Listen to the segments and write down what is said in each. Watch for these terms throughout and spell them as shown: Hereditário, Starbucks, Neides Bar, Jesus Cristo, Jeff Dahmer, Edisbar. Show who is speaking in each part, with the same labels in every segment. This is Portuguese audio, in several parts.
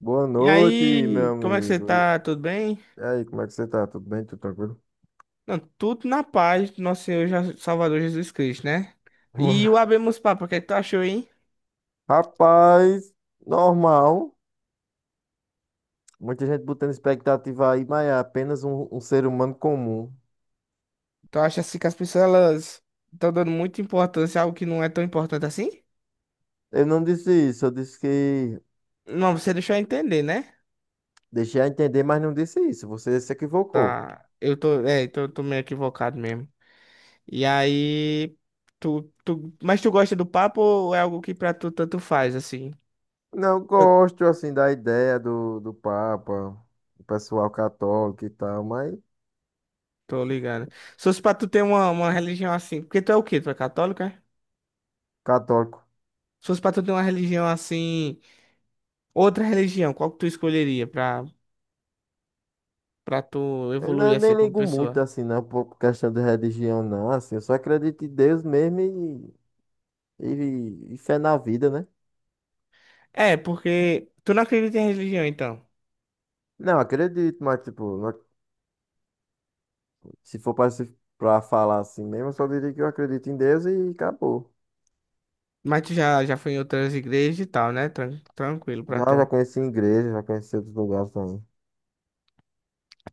Speaker 1: Boa
Speaker 2: E
Speaker 1: noite, meu
Speaker 2: aí, como é que você
Speaker 1: amigo. E
Speaker 2: tá? Tudo bem?
Speaker 1: e aí, como é que você tá? Tudo bem? Tudo tranquilo?
Speaker 2: Não, tudo na paz do nosso Senhor Jesus- Salvador Jesus Cristo, né? E o abemos papo, o que é que tu achou, hein?
Speaker 1: Rapaz, normal. Muita gente botando expectativa aí, mas é apenas um ser humano comum.
Speaker 2: Tu acha assim que as pessoas elas estão dando muita importância a algo que não é tão importante assim?
Speaker 1: Eu não disse isso, eu disse que
Speaker 2: Não, você deixou eu entender, né?
Speaker 1: deixei a entender, mas não disse isso. Você se equivocou.
Speaker 2: Tá. Eu tô, então eu tô meio equivocado mesmo. E aí, mas tu gosta do papo ou é algo que pra tu tanto faz, assim?
Speaker 1: Não
Speaker 2: Eu
Speaker 1: gosto, assim, da ideia do Papa, do pessoal católico e tal, mas
Speaker 2: tô ligado. Se fosse pra tu ter uma religião assim, porque tu é o quê? Tu é católico, é?
Speaker 1: católico.
Speaker 2: Se fosse pra tu ter uma religião assim, outra religião, qual que tu escolheria pra, pra tu
Speaker 1: Eu não-
Speaker 2: evoluir
Speaker 1: Nem
Speaker 2: assim como
Speaker 1: ligo muito,
Speaker 2: pessoa?
Speaker 1: assim, não, por questão de religião, não, assim. Eu só acredito em Deus mesmo. E fé na vida, né?
Speaker 2: É, porque tu não acredita em religião, então.
Speaker 1: Não, acredito, mas tipo, se for pra, pra falar assim mesmo, eu só diria que eu acredito em Deus e acabou.
Speaker 2: Mas tu já, já foi em outras igrejas e tal, né? Tran- tranquilo pra
Speaker 1: Já, já
Speaker 2: tu.
Speaker 1: conheci igreja, já conheci outros lugares também.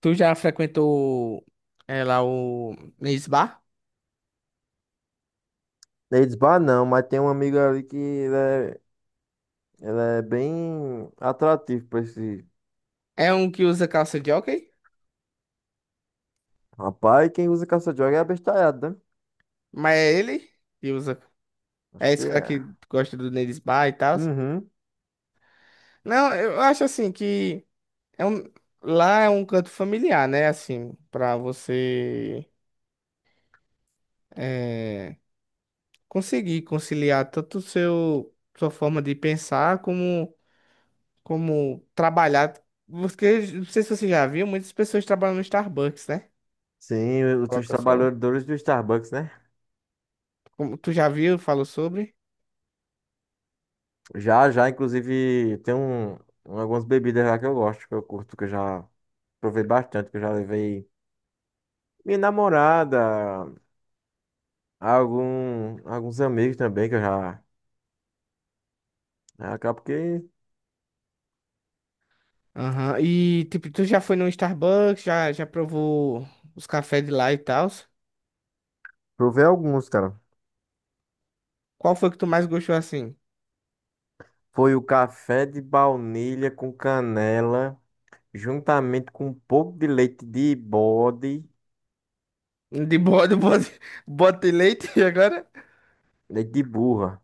Speaker 2: Tu já frequentou lá o Misbah?
Speaker 1: Eles, bah, não, mas tem um amigo ali ele é bem atrativo pra esse
Speaker 2: É um que usa calça de hóquei?
Speaker 1: rapaz. Quem usa caça-droga é abestalhado, né?
Speaker 2: Mas é ele que usa.
Speaker 1: Acho
Speaker 2: É
Speaker 1: que
Speaker 2: esse cara
Speaker 1: é.
Speaker 2: que gosta do Nerisbar e tal.
Speaker 1: Uhum.
Speaker 2: Não, eu acho assim que é um, lá é um canto familiar, né? Assim, pra você eh, conseguir conciliar tanto o seu sua forma de pensar como como trabalhar. Porque não sei se você já viu, muitas pessoas trabalham no Starbucks, né?
Speaker 1: Sim, os seus
Speaker 2: Coloca só.
Speaker 1: trabalhadores do Starbucks, né?
Speaker 2: Como tu já viu, falou sobre.
Speaker 1: Já, já, inclusive, tem algumas bebidas lá que eu gosto, que eu curto, que eu já provei bastante, que eu já levei minha namorada, alguns amigos também, que eu já, né. Acabo que
Speaker 2: Aham. E tipo, tu já foi no Starbucks, já já provou os cafés de lá e tal.
Speaker 1: provei alguns, cara.
Speaker 2: Qual foi que tu mais gostou assim?
Speaker 1: Foi o café de baunilha com canela, juntamente com um pouco de leite de bode,
Speaker 2: De bode, bode, bode de leite agora?
Speaker 1: leite de burra.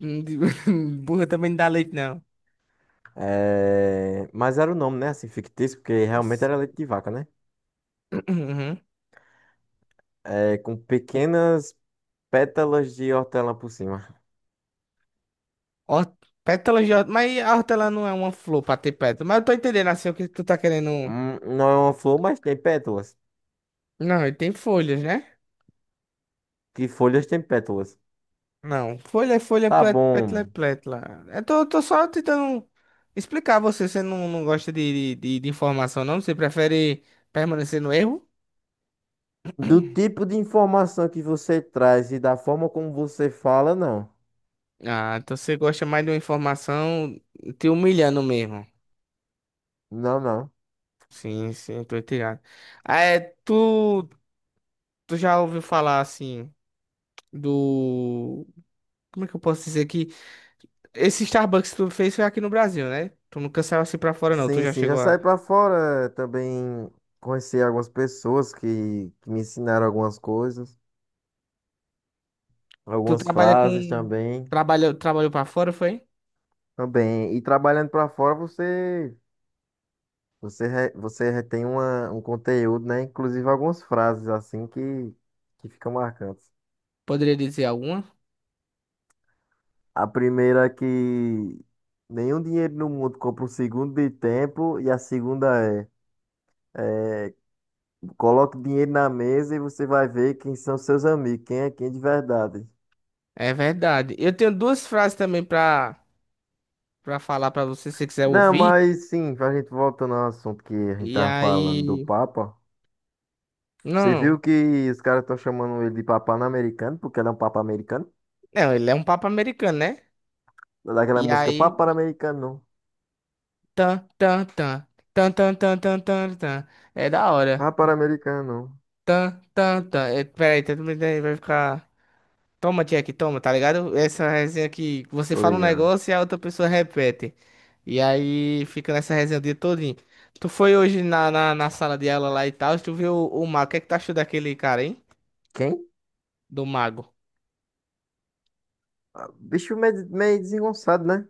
Speaker 2: Hum, De- Burra também não dá leite, não.
Speaker 1: É, mas era o nome, né? Assim, fictício, porque realmente era
Speaker 2: Sim.
Speaker 1: leite de vaca, né? É, com pequenas pétalas de hortelã por cima.
Speaker 2: Ó, pétalas de hortelã. Mas a hortelã não é uma flor pra ter pétalas. Mas eu tô entendendo assim o que tu tá querendo.
Speaker 1: Não é uma flor, mas tem pétalas.
Speaker 2: Não, ele tem folhas, né?
Speaker 1: Que folhas tem pétalas.
Speaker 2: Não, folha é folha,
Speaker 1: Tá
Speaker 2: plé- pétala é
Speaker 1: bom.
Speaker 2: pétala. Eu tô, tô só tentando explicar a você. Você não, não gosta de informação, não? Você prefere permanecer no erro?
Speaker 1: Do tipo de informação que você traz e da forma como você fala, não.
Speaker 2: Ah, então você gosta mais de uma informação te humilhando mesmo.
Speaker 1: Não, não.
Speaker 2: Sim, sim, tô entendendo. Tu, tu já ouviu falar assim do. Como é que eu posso dizer aqui? Esse Starbucks que tu fez foi aqui no Brasil, né? Tu não saiu assim pra fora, não. Tu
Speaker 1: Sim,
Speaker 2: já
Speaker 1: sim, já
Speaker 2: chegou
Speaker 1: saí
Speaker 2: a.
Speaker 1: pra fora. Também conheci algumas pessoas que me ensinaram algumas coisas,
Speaker 2: Tu
Speaker 1: algumas
Speaker 2: trabalha
Speaker 1: frases
Speaker 2: com.
Speaker 1: também.
Speaker 2: Trabalhou, trabalhou pra fora, foi?
Speaker 1: Também. E trabalhando pra fora, você retém um conteúdo, né? Inclusive algumas frases assim que ficam marcantes.
Speaker 2: Poderia dizer alguma?
Speaker 1: A primeira é que nenhum dinheiro no mundo compra um segundo de tempo. E a segunda é coloque dinheiro na mesa e você vai ver quem são seus amigos, quem é quem de verdade.
Speaker 2: É verdade. Eu tenho duas frases também pra, pra falar pra você, se você quiser
Speaker 1: Não,
Speaker 2: ouvir.
Speaker 1: mas sim, a gente voltando ao assunto que a gente
Speaker 2: E
Speaker 1: tava falando do
Speaker 2: aí.
Speaker 1: Papa. Você viu
Speaker 2: Não.
Speaker 1: que os caras estão chamando ele de Papa americano, porque ele é um Papa americano?
Speaker 2: Não, ele é um papo americano, né?
Speaker 1: Daquela
Speaker 2: E
Speaker 1: música
Speaker 2: aí.
Speaker 1: Papa americano.
Speaker 2: Tan, tan, tan. Tan, tan, tan, tan, tan, tan. É da hora.
Speaker 1: Papa americano.
Speaker 2: Tan, tan, tan. É, peraí, tá tudo bem, vai ficar. Toma, Jack, toma, tá ligado? Essa resenha que você
Speaker 1: Tô
Speaker 2: fala um
Speaker 1: ligado.
Speaker 2: negócio e a outra pessoa repete. E aí fica nessa resenha o dia todinho. Tu foi hoje na sala de aula lá e tal, tu viu o mago. O que é que tu achou daquele cara, hein?
Speaker 1: Quem?
Speaker 2: Do mago.
Speaker 1: Ah, bicho meio desengonçado, né?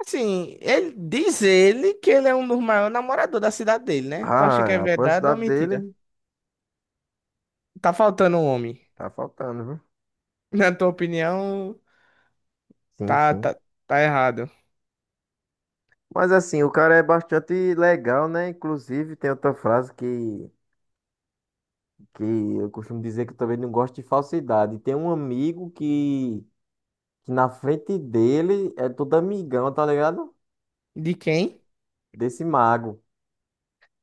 Speaker 2: Assim, ele diz ele que ele é um dos maiores namoradores da cidade dele, né? Tu acha
Speaker 1: Ah,
Speaker 2: que é
Speaker 1: é a
Speaker 2: verdade ou
Speaker 1: cidade
Speaker 2: mentira?
Speaker 1: dele.
Speaker 2: Tá faltando um homem.
Speaker 1: Tá faltando, viu?
Speaker 2: Na tua opinião,
Speaker 1: Sim,
Speaker 2: tá,
Speaker 1: sim.
Speaker 2: tá, tá errado.
Speaker 1: Mas assim, o cara é bastante legal, né? Inclusive, tem outra frase que eu costumo dizer que eu também não gosto de falsidade. Tem um amigo que na frente dele é todo amigão, tá ligado?
Speaker 2: De quem?
Speaker 1: Desse mago.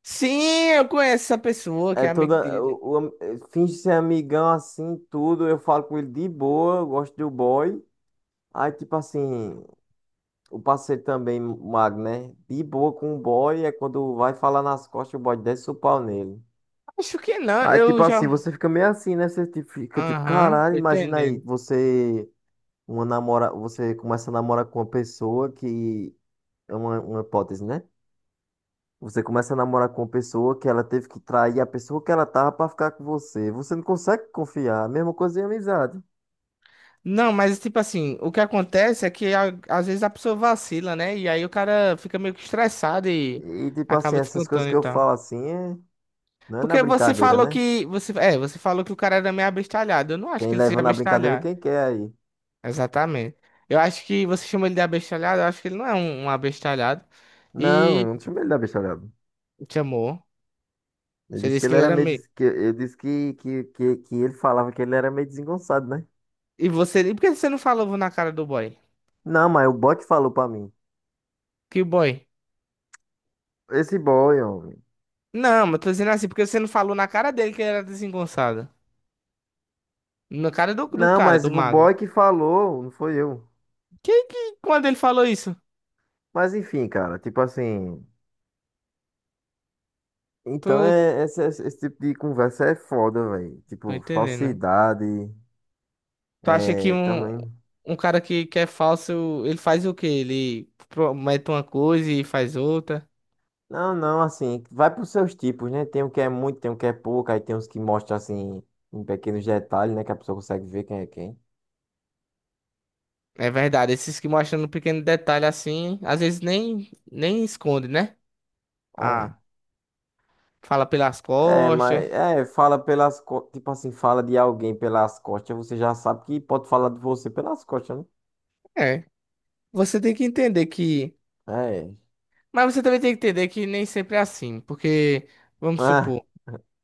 Speaker 2: Sim, eu conheço essa pessoa que
Speaker 1: É
Speaker 2: é amigo
Speaker 1: toda.
Speaker 2: dele.
Speaker 1: Finge ser amigão assim, tudo. Eu falo com ele de boa, eu gosto do boy. Aí, tipo assim, o parceiro também, mago, né? De boa com o boy é quando vai falar nas costas, o boy desce o pau nele.
Speaker 2: Acho que não,
Speaker 1: Aí,
Speaker 2: eu
Speaker 1: tipo assim,
Speaker 2: já.
Speaker 1: você fica meio assim, né? Você tipo, fica tipo,
Speaker 2: Aham,
Speaker 1: caralho,
Speaker 2: tô
Speaker 1: imagina aí,
Speaker 2: entendendo.
Speaker 1: você começa a namorar com uma pessoa que é uma hipótese, né? Você começa a namorar com uma pessoa que ela teve que trair a pessoa que ela tava pra ficar com você. Você não consegue confiar. A mesma coisa em amizade.
Speaker 2: Não, mas tipo assim, o que acontece é que a- às vezes a pessoa vacila, né? E aí o cara fica meio que estressado e
Speaker 1: E tipo assim,
Speaker 2: acaba
Speaker 1: essas coisas
Speaker 2: descontando
Speaker 1: que
Speaker 2: e
Speaker 1: eu
Speaker 2: tal.
Speaker 1: falo assim, não é na
Speaker 2: Porque você
Speaker 1: brincadeira,
Speaker 2: falou
Speaker 1: né?
Speaker 2: que. Você falou que o cara era meio abestalhado. Eu não acho
Speaker 1: Quem
Speaker 2: que ele
Speaker 1: leva
Speaker 2: seja
Speaker 1: na brincadeira é
Speaker 2: abestalhado.
Speaker 1: quem quer aí.
Speaker 2: Exatamente. Eu acho que você chama ele de abestalhado, eu acho que ele não é um abestalhado.
Speaker 1: Não, eu
Speaker 2: E
Speaker 1: não chamei ele da bicharada.
Speaker 2: chamou. Você disse que ele era meio.
Speaker 1: Ele disse que ele falava que ele era meio desengonçado, né?
Speaker 2: E você. E por que você não falou na cara do boy?
Speaker 1: Não, mas o boy que falou pra mim.
Speaker 2: Que boy?
Speaker 1: Esse boy, homem.
Speaker 2: Não, mas tô dizendo assim, porque você não falou na cara dele que ele era desengonçado. Na cara do
Speaker 1: Não,
Speaker 2: cara,
Speaker 1: mas
Speaker 2: do
Speaker 1: o
Speaker 2: mago.
Speaker 1: boy que falou, não foi eu.
Speaker 2: Quem que, quando ele falou isso?
Speaker 1: Mas enfim, cara, tipo assim. Então,
Speaker 2: Tô,
Speaker 1: é, esse tipo de conversa é foda, velho.
Speaker 2: tô
Speaker 1: Tipo,
Speaker 2: entendendo.
Speaker 1: falsidade,
Speaker 2: Tu acha que
Speaker 1: é,
Speaker 2: um,
Speaker 1: também.
Speaker 2: um cara que é falso, ele faz o quê? Ele promete uma coisa e faz outra.
Speaker 1: Não, não, assim, vai pros seus tipos, né? Tem o que é muito, tem o que é pouco, aí tem uns que mostram, assim, em pequenos detalhes, né? Que a pessoa consegue ver quem.
Speaker 2: É verdade, esses que mostram um pequeno detalhe assim, às vezes nem, nem esconde, né?
Speaker 1: É.
Speaker 2: Ah, fala pelas
Speaker 1: É, mas,
Speaker 2: costas.
Speaker 1: é, tipo assim, fala de alguém pelas costas, você já sabe que pode falar de você pelas costas, né?
Speaker 2: É, você tem que entender que.
Speaker 1: É.
Speaker 2: Mas você também tem que entender que nem sempre é assim, porque, vamos
Speaker 1: Ah,
Speaker 2: supor.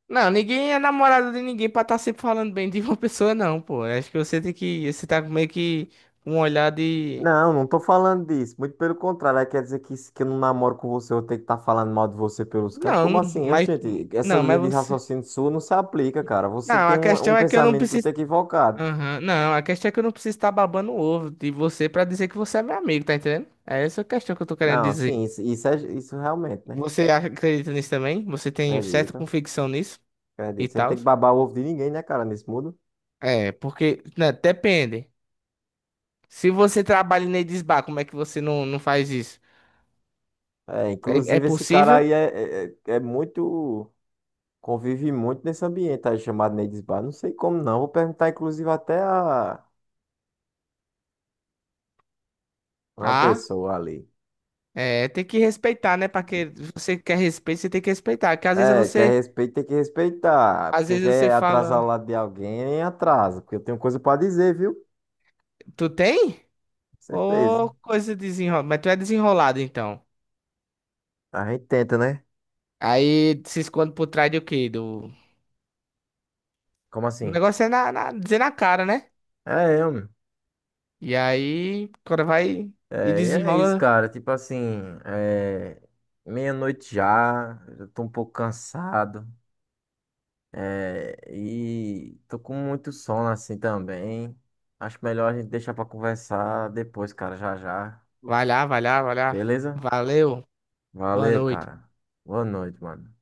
Speaker 2: Não, ninguém é namorado de ninguém pra estar tá sempre falando bem de uma pessoa, não, pô. Acho que você tem que. Você tá meio que com um olhar de.
Speaker 1: não, não tô falando disso. Muito pelo contrário, aí quer dizer que se que eu não namoro com você, eu tenho que estar falando mal de você pelos cantos. Como
Speaker 2: Não,
Speaker 1: assim?
Speaker 2: mas.
Speaker 1: Oxente, essa
Speaker 2: Não,
Speaker 1: linha
Speaker 2: mas
Speaker 1: de
Speaker 2: você.
Speaker 1: raciocínio sua não se aplica, cara. Você
Speaker 2: Não,
Speaker 1: tem
Speaker 2: a
Speaker 1: um
Speaker 2: questão é que eu não
Speaker 1: pensamento muito
Speaker 2: preciso.
Speaker 1: equivocado.
Speaker 2: Aham, não, a questão é que eu não preciso estar babando o ovo de você pra dizer que você é meu amigo, tá entendendo? É essa a questão que eu tô querendo
Speaker 1: Não,
Speaker 2: dizer.
Speaker 1: sim, isso é isso realmente, né?
Speaker 2: Você acha- acredita nisso também? Você tem certa
Speaker 1: Acredito,
Speaker 2: convicção nisso e
Speaker 1: acredito. Você não
Speaker 2: tal?
Speaker 1: tem que babar o ovo de ninguém, né, cara, nesse mundo.
Speaker 2: É, porque. Né, depende. Se você trabalha em Edisbar, como é que você não, não faz isso?
Speaker 1: É,
Speaker 2: É, é
Speaker 1: inclusive, esse cara aí
Speaker 2: possível?
Speaker 1: é muito. Convive muito nesse ambiente aí chamado Neides Bar. Não sei como não. Vou perguntar, inclusive, até a uma
Speaker 2: Ah.
Speaker 1: pessoa ali.
Speaker 2: É, tem que respeitar, né? Pra que você quer respeito, você tem que respeitar. Porque
Speaker 1: É, quer respeito, tem que respeitar.
Speaker 2: às
Speaker 1: Porque
Speaker 2: vezes você
Speaker 1: quer atrasar o
Speaker 2: fala,
Speaker 1: lado de alguém, atrasa. Porque eu tenho coisa pra dizer, viu?
Speaker 2: tu tem?
Speaker 1: Certeza.
Speaker 2: Ô, coisa desenrolada. Mas tu é desenrolado, então.
Speaker 1: A gente tenta, né?
Speaker 2: Aí se esconde por trás do quê? Do...
Speaker 1: Como
Speaker 2: O
Speaker 1: assim?
Speaker 2: negócio é dizer na cara, né?
Speaker 1: É, eu, meu.
Speaker 2: E aí, quando vai e
Speaker 1: É, e é isso,
Speaker 2: desenrola,
Speaker 1: cara. Tipo assim, é, meia-noite já, eu tô um pouco cansado. É, e tô com muito sono assim também. Acho melhor a gente deixar pra conversar depois, cara, já já.
Speaker 2: vai lá, vai lá, vai lá.
Speaker 1: Beleza?
Speaker 2: Valeu, boa
Speaker 1: Valeu,
Speaker 2: noite.
Speaker 1: cara. Boa noite, mano.